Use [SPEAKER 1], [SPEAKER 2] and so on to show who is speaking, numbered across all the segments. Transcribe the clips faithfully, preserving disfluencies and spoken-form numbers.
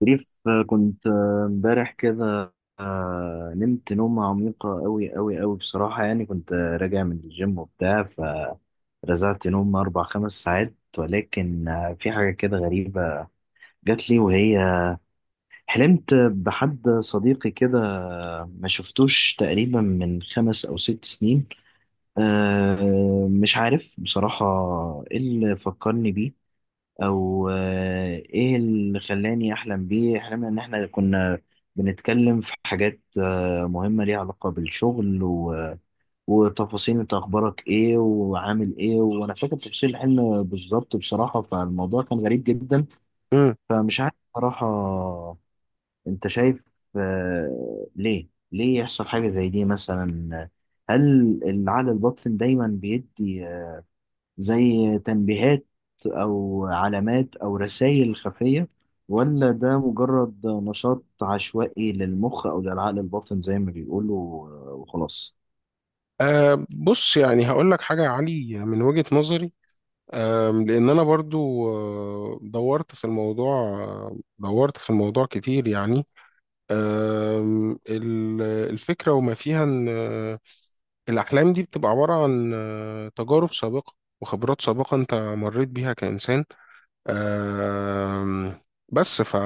[SPEAKER 1] شريف آه، كنت آه، امبارح كده. آه، نمت نومة عميقة أوي أوي أوي بصراحة. يعني كنت آه، راجع من الجيم وبتاع، فرزعت نوم أربع خمس ساعات، ولكن آه، في حاجة كده غريبة جات لي. وهي حلمت بحد صديقي كده، آه، ما شفتوش تقريبا من خمس أو ست سنين. آه، مش عارف بصراحة إيه اللي فكرني بيه، او آه، ايه اللي خلاني احلم بيه. احلمنا ان احنا كنا بنتكلم في حاجات آه، مهمة ليها علاقة بالشغل و... وتفاصيل، انت اخبارك ايه وعامل ايه. وانا فاكر تفاصيل الحلم بالظبط بصراحة، فالموضوع كان غريب جدا.
[SPEAKER 2] امم
[SPEAKER 1] فمش عارف بصراحة، انت شايف آه، ليه ليه يحصل حاجة زي دي مثلا؟ هل العقل الباطن دايما بيدي زي تنبيهات أو علامات أو رسائل خفية، ولا ده مجرد نشاط عشوائي للمخ أو للعقل الباطن زي ما بيقولوا آه، وخلاص؟
[SPEAKER 2] أه بص، يعني هقول لك حاجة يا علي من وجهة نظري. أه لأن أنا برضو آه، دورت في الموضوع، آه، دورت في الموضوع كتير يعني. آم، ال- الفكرة وما فيها إن آه، الأحلام دي بتبقى عبارة عن آه، تجارب سابقة وخبرات سابقة أنت مريت بيها كإنسان. آم، بس ف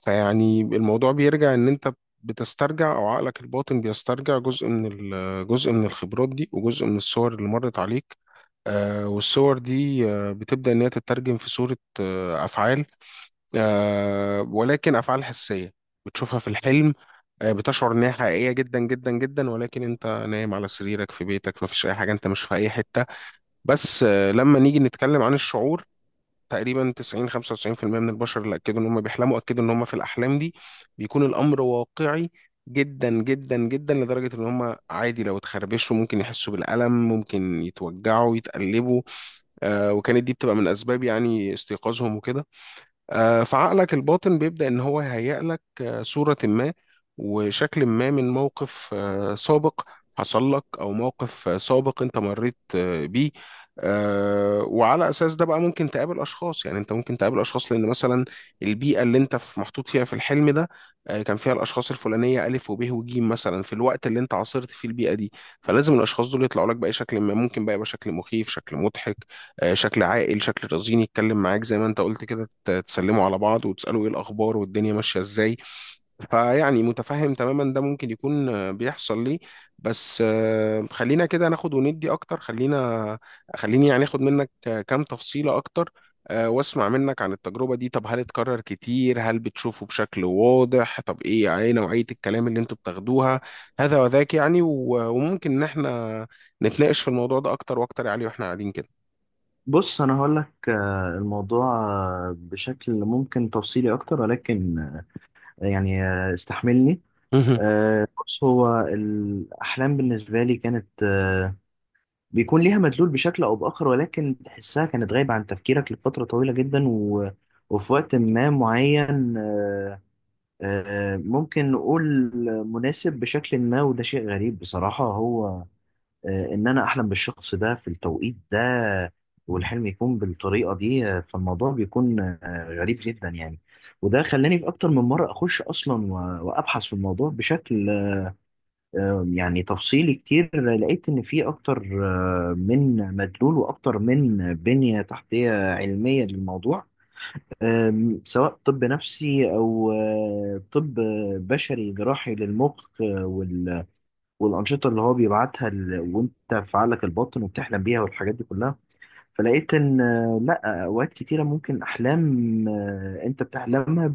[SPEAKER 2] فيعني الموضوع بيرجع ان انت بتسترجع او عقلك الباطن بيسترجع جزء من ال- جزء من الخبرات دي وجزء من الصور اللي مرت عليك. آه والصور دي آه بتبدأ ان هي تترجم في صورة آه افعال، آه ولكن افعال حسية بتشوفها في الحلم. آه بتشعر انها حقيقية جدا جدا جدا، ولكن انت نايم على سريرك في بيتك، مفيش اي حاجة، انت مش في اي حتة. بس آه لما نيجي نتكلم عن الشعور، تقريبا تسعين خمسة وتسعين في المية من البشر اللي اكدوا ان هم بيحلموا، اكدوا ان هم في الاحلام دي بيكون الامر واقعي جدا جدا جدا، لدرجة ان هم عادي لو اتخربشوا ممكن يحسوا بالألم، ممكن يتوجعوا يتقلبوا. آه وكانت دي بتبقى من اسباب يعني استيقاظهم وكده. آه، فعقلك الباطن بيبدأ إن هو يهيئ لك آه، صورة ما وشكل ما من موقف آه، سابق حصل لك، أو موقف آه، سابق أنت مريت آه، بيه. آه، وعلى أساس ده بقى ممكن تقابل أشخاص، يعني أنت ممكن تقابل أشخاص لأن مثلا البيئة اللي أنت في محطوط فيها في الحلم ده، آه، كان فيها الأشخاص الفلانية ألف وب وجيم مثلا في الوقت اللي أنت عاصرت فيه البيئة دي. فلازم الأشخاص دول يطلعوا لك بأي شكل، ما ممكن بقى يبقى شكل مخيف، شكل مضحك، آه، شكل عاقل، شكل رزين، يتكلم معاك زي ما انت قلت كده، ت- تسلموا على بعض وتسألوا ايه الأخبار والدنيا ماشية ازاي. فيعني متفهم تماما ده ممكن يكون آه، بيحصل ليه. بس آه، خلينا كده ناخد وندي أكتر، خلينا خليني يعني اخد منك آه، كام تفصيلة أكتر، آه، واسمع منك عن التجربة دي. طب هل اتكرر كتير؟ هل بتشوفه بشكل واضح؟ طب ايه، يعني ايه نوعية الكلام اللي انتوا بتاخدوها؟ هذا وذاك يعني، و- وممكن ان احنا نتناقش في الموضوع ده أكتر وأكتر يا علي واحنا قاعدين كده.
[SPEAKER 1] بص أنا هقول لك الموضوع آه، بشكل ممكن تفصيلي أكتر، ولكن آه، يعني آه، استحملني. آه، بص، هو الأحلام بالنسبة لي كانت آه، بيكون ليها مدلول بشكل او باخر. ولكن تحسها كانت غايبه عن تفكيرك لفتره طويله جدا و... وفي وقت ما معين آه، آه، ممكن نقول مناسب بشكل ما. وده شيء غريب بصراحه، هو آه، ان انا احلم بالشخص ده في التوقيت ده والحلم يكون بالطريقه دي. آه، فالموضوع بيكون آه، غريب جدا يعني. وده خلاني في اكتر من مره اخش اصلا و- وابحث في الموضوع بشكل آم، يعني تفصيلي كتير. لقيت إن في أكتر آه، من مدلول وأكتر من بنية تحتية علمية للموضوع. آم، سواء طب نفسي أو آه، طب بشري جراحي للمخ. آه، وال- والأنشطة اللي هو بيبعتها ال- وأنت في عقلك الباطن وبتحلم بيها والحاجات دي كلها. فلقيت إن آه، لأ، أوقات كتيرة ممكن أحلام آه، أنت بتحلمها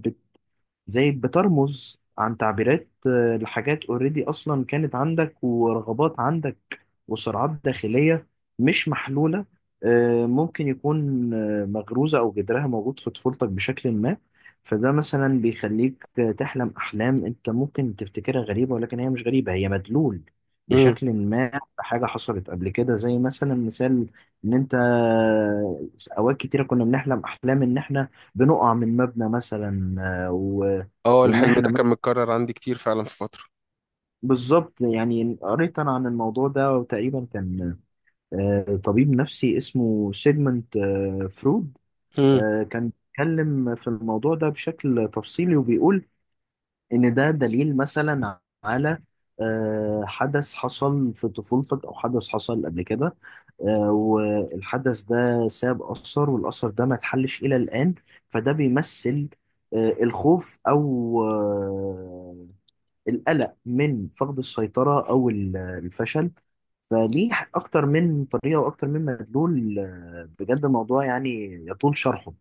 [SPEAKER 1] زي بترمز عن تعبيرات آه، لحاجات اوريدي اصلا كانت عندك، ورغبات عندك، وصراعات داخلية مش محلولة. آه، ممكن يكون آه، مغروزة او جذرها موجود في طفولتك بشكل ما. فده مثلا بيخليك آه، تحلم احلام انت ممكن تفتكرها غريبة، ولكن هي مش غريبة، هي مدلول
[SPEAKER 2] امم
[SPEAKER 1] بشكل ما بحاجة حصلت قبل كده. زي مثلا مثال ان انت آه، اوقات كتيرة كنا بنحلم احلام ان احنا بنقع من مبنى مثلا،
[SPEAKER 2] اه
[SPEAKER 1] وان
[SPEAKER 2] الحلم
[SPEAKER 1] احنا
[SPEAKER 2] ده كان
[SPEAKER 1] مثلا
[SPEAKER 2] متكرر عندي كتير فعلا في فترة.
[SPEAKER 1] بالظبط. يعني قريت انا عن الموضوع ده، وتقريبا كان آه، طبيب نفسي اسمه سيجمنت آه، فرويد.
[SPEAKER 2] مم.
[SPEAKER 1] آه، كان بيتكلم في الموضوع ده بشكل تفصيلي وبيقول ان ده دليل مثلا على آه، حدث حصل في طفولتك او حدث حصل قبل كده. آه، والحدث ده ساب اثر، والاثر ده ما اتحلش الى الان. فده بيمثل آه، الخوف، او آه، القلق من فقد السيطرة، أو ال- الفشل. فليه أكتر من طريقة وأكتر من مدلول، آه، بجد الموضوع يعني يطول شرحه.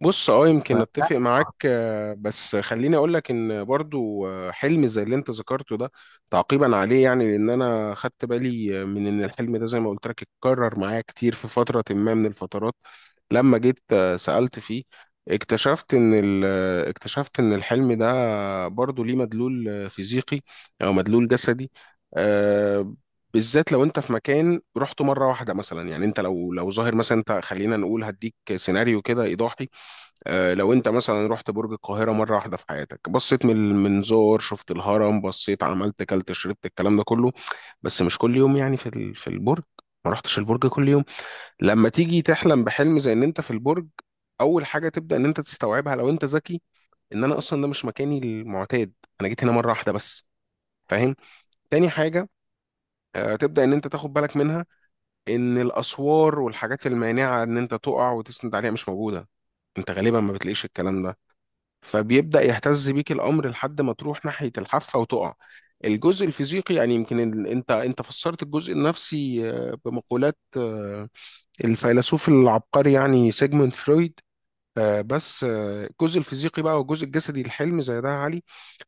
[SPEAKER 2] بص، اه يمكن
[SPEAKER 1] ف
[SPEAKER 2] اتفق معاك، آه، بس خليني اقول لك ان برضو آه، حلم زي اللي انت ذكرته ده، تعقيبا عليه يعني، لان انا خدت بالي من ان الحلم ده زي ما قلت لك اتكرر معايا كتير في فترة ما من الفترات. لما جيت آه، سألت فيه، اكتشفت ان ال- آه، اكتشفت ان الحلم ده برضو ليه مدلول آه، فيزيقي، او مدلول جسدي. آه، بالذات لو انت في مكان رحته مره واحده مثلا، يعني انت لو لو ظاهر مثلا، انت خلينا نقول هديك سيناريو كده ايضاحي. آه، لو انت مثلا رحت برج القاهرة مرة واحدة في حياتك، بصيت من المنظار، شفت الهرم، بصيت، عملت، كلت، شربت، الكلام ده كله. بس مش كل يوم، يعني في ال- في البرج، ما رحتش البرج كل يوم. لما تيجي تحلم بحلم زي ان انت في البرج، اول حاجة تبدأ ان انت تستوعبها لو انت ذكي، ان انا اصلا ده مش مكاني المعتاد، انا جيت هنا مرة واحدة بس. فاهم؟ تاني حاجة، آه، تبدأ ان انت تاخد بالك منها ان الاسوار والحاجات المانعة ان انت تقع وتسند عليها مش موجودة، انت غالبا ما بتلاقيش الكلام ده. فبيبدأ يهتز بيك الأمر لحد ما تروح ناحية الحافة وتقع. الجزء الفيزيقي يعني، يمكن ال... انت انت فسرت الجزء النفسي آه، بمقولات آه، الفيلسوف العبقري يعني سيجموند فرويد. آه، بس آه، الجزء الفيزيقي بقى والجزء الجسدي الحلم زي ده يا علي،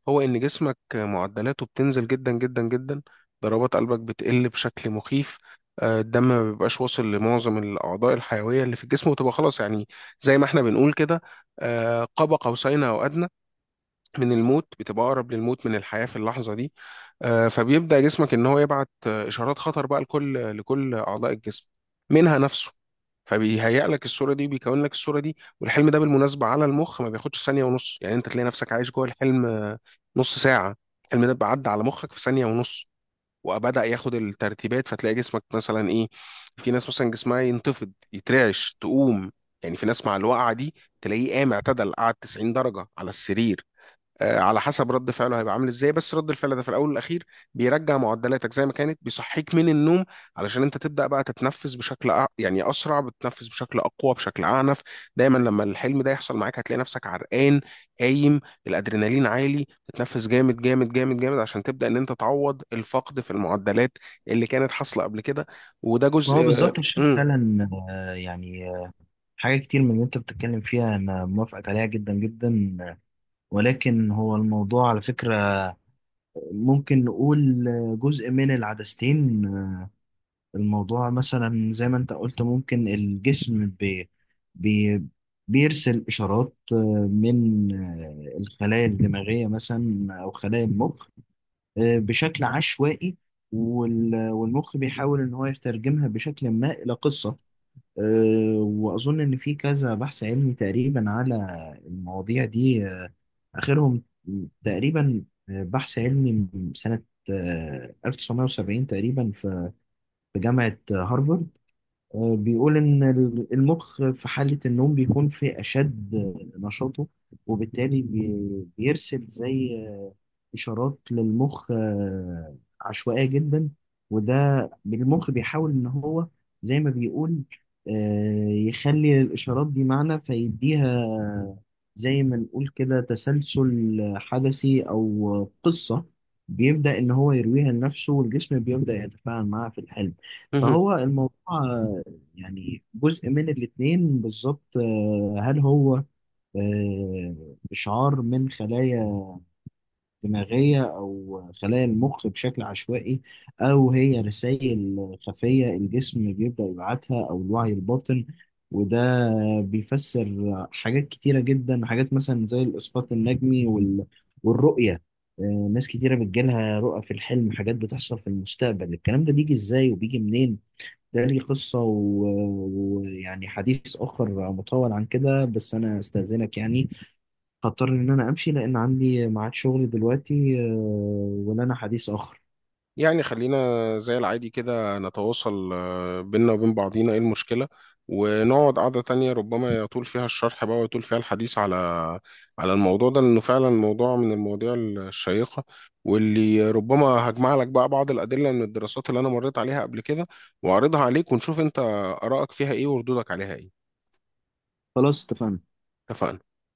[SPEAKER 2] هو ان جسمك آه، معدلاته بتنزل جدا جدا جدا، ضربات قلبك بتقل بشكل مخيف. آه، الدم ما بيبقاش واصل لمعظم الاعضاء الحيويه اللي في الجسم، وتبقى خلاص يعني زي ما احنا بنقول كده، آه، قاب قوسين او ادنى من الموت، بتبقى اقرب للموت من الحياه في اللحظه دي. آه، فبيبدا جسمك ان هو يبعت آه، اشارات خطر بقى، لكل لكل اعضاء الجسم، منها نفسه. فبيهيئ لك الصوره دي وبيكون لك الصوره دي، والحلم ده بالمناسبه على المخ ما بياخدش ثانيه ونص، يعني انت تلاقي نفسك عايش جوه الحلم آه، نص ساعه. الحلم ده بيعدي على مخك في ثانيه ونص، وبدأ ياخد الترتيبات، فتلاقي جسمك مثلا ايه. في ناس مثلا جسمها ينتفض، يترعش، تقوم، يعني في ناس مع الوقعه دي تلاقيه قام، اعتدل، قعد تسعين درجه على السرير. آه، على حسب رد فعله هيبقى عامل ازاي، بس رد الفعل ده في الاول والاخير بيرجع معدلاتك زي ما كانت، بيصحيك من النوم. علشان انت تبدا بقى تتنفس بشكل أ... يعني اسرع، بتتنفس بشكل اقوى، بشكل اعنف. دايما لما الحلم ده يحصل معاك، هتلاقي نفسك عرقان، قايم، الادرينالين عالي، بتتنفس جامد جامد جامد جامد عشان تبدا ان انت تعوض الفقد في المعدلات اللي كانت حاصله قبل كده. وده
[SPEAKER 1] ما
[SPEAKER 2] جزء.
[SPEAKER 1] هو بالظبط. مش فعلا آه، يعني آه، حاجة كتير من اللي أنت بتتكلم فيها أنا موافقك عليها جدا جدا. آه، ولكن هو الموضوع على فكرة ممكن نقول آه، جزء من العدستين. الموضوع مثلا زي ما انت قلت ممكن الجسم بي بي بيرسل إشارات آه، من آه، الخلايا الدماغية مثلا أو خلايا المخ آه، بشكل عشوائي. وال- والمخ بيحاول إن هو يترجمها بشكل ما إلى قصة. آه، وأظن إن في كذا بحث علمي تقريبا على المواضيع دي. آه، آخرهم تقريبا آه، بحث علمي من سنة آه، ألف وتسعمائة وسبعين تقريبا، في في جامعة هارفارد. آه، بيقول إن ال- المخ في حالة النوم بيكون في أشد نشاطه. وبالتالي بي- بيرسل زي اشارات للمخ آه، عشوائيه جدا. وده المخ بيحاول ان هو، زي ما بيقول، آه، يخلي الاشارات دي معنى، فيديها زي ما نقول كده تسلسل حدثي او قصه، بيبدا ان هو يرويها لنفسه، والجسم بيبدا يتفاعل معاها في الحلم.
[SPEAKER 2] امم
[SPEAKER 1] فهو الموضوع آه، يعني جزء من الاتنين بالظبط. آه، هل هو آه، إشعار من خلايا دماغية أو خلايا المخ بشكل عشوائي، أو هي رسائل خفية الجسم بيبدأ يبعتها أو الوعي الباطن؟ وده بيفسر حاجات كتيرة جدا، حاجات مثلا زي الإسقاط النجمي وال... والرؤية. آه، ناس كتيرة بتجيلها رؤى في الحلم، حاجات بتحصل في المستقبل. الكلام ده بيجي إزاي وبيجي منين؟ ده ليه قصة و- ويعني حديث آخر مطول عن كده. بس أنا أستأذنك يعني، هضطر ان انا امشي لان عندي ميعاد شغل دلوقتي. آه، ولنا حديث اخر.
[SPEAKER 2] يعني خلينا زي العادي كده نتواصل آه، بينا وبين بعضينا، ايه المشكلة؟ ونقعد قعدة تانية ربما يطول فيها الشرح بقى ويطول فيها الحديث على على الموضوع ده، لأنه فعلا موضوع من المواضيع الشيقة، واللي ربما هجمع لك بقى بعض الأدلة من الدراسات اللي أنا مريت عليها قبل كده، وأعرضها عليك، ونشوف أنت آرائك فيها ايه وردودك عليها ايه.
[SPEAKER 1] خلاص اتفقنا.
[SPEAKER 2] اتفقنا.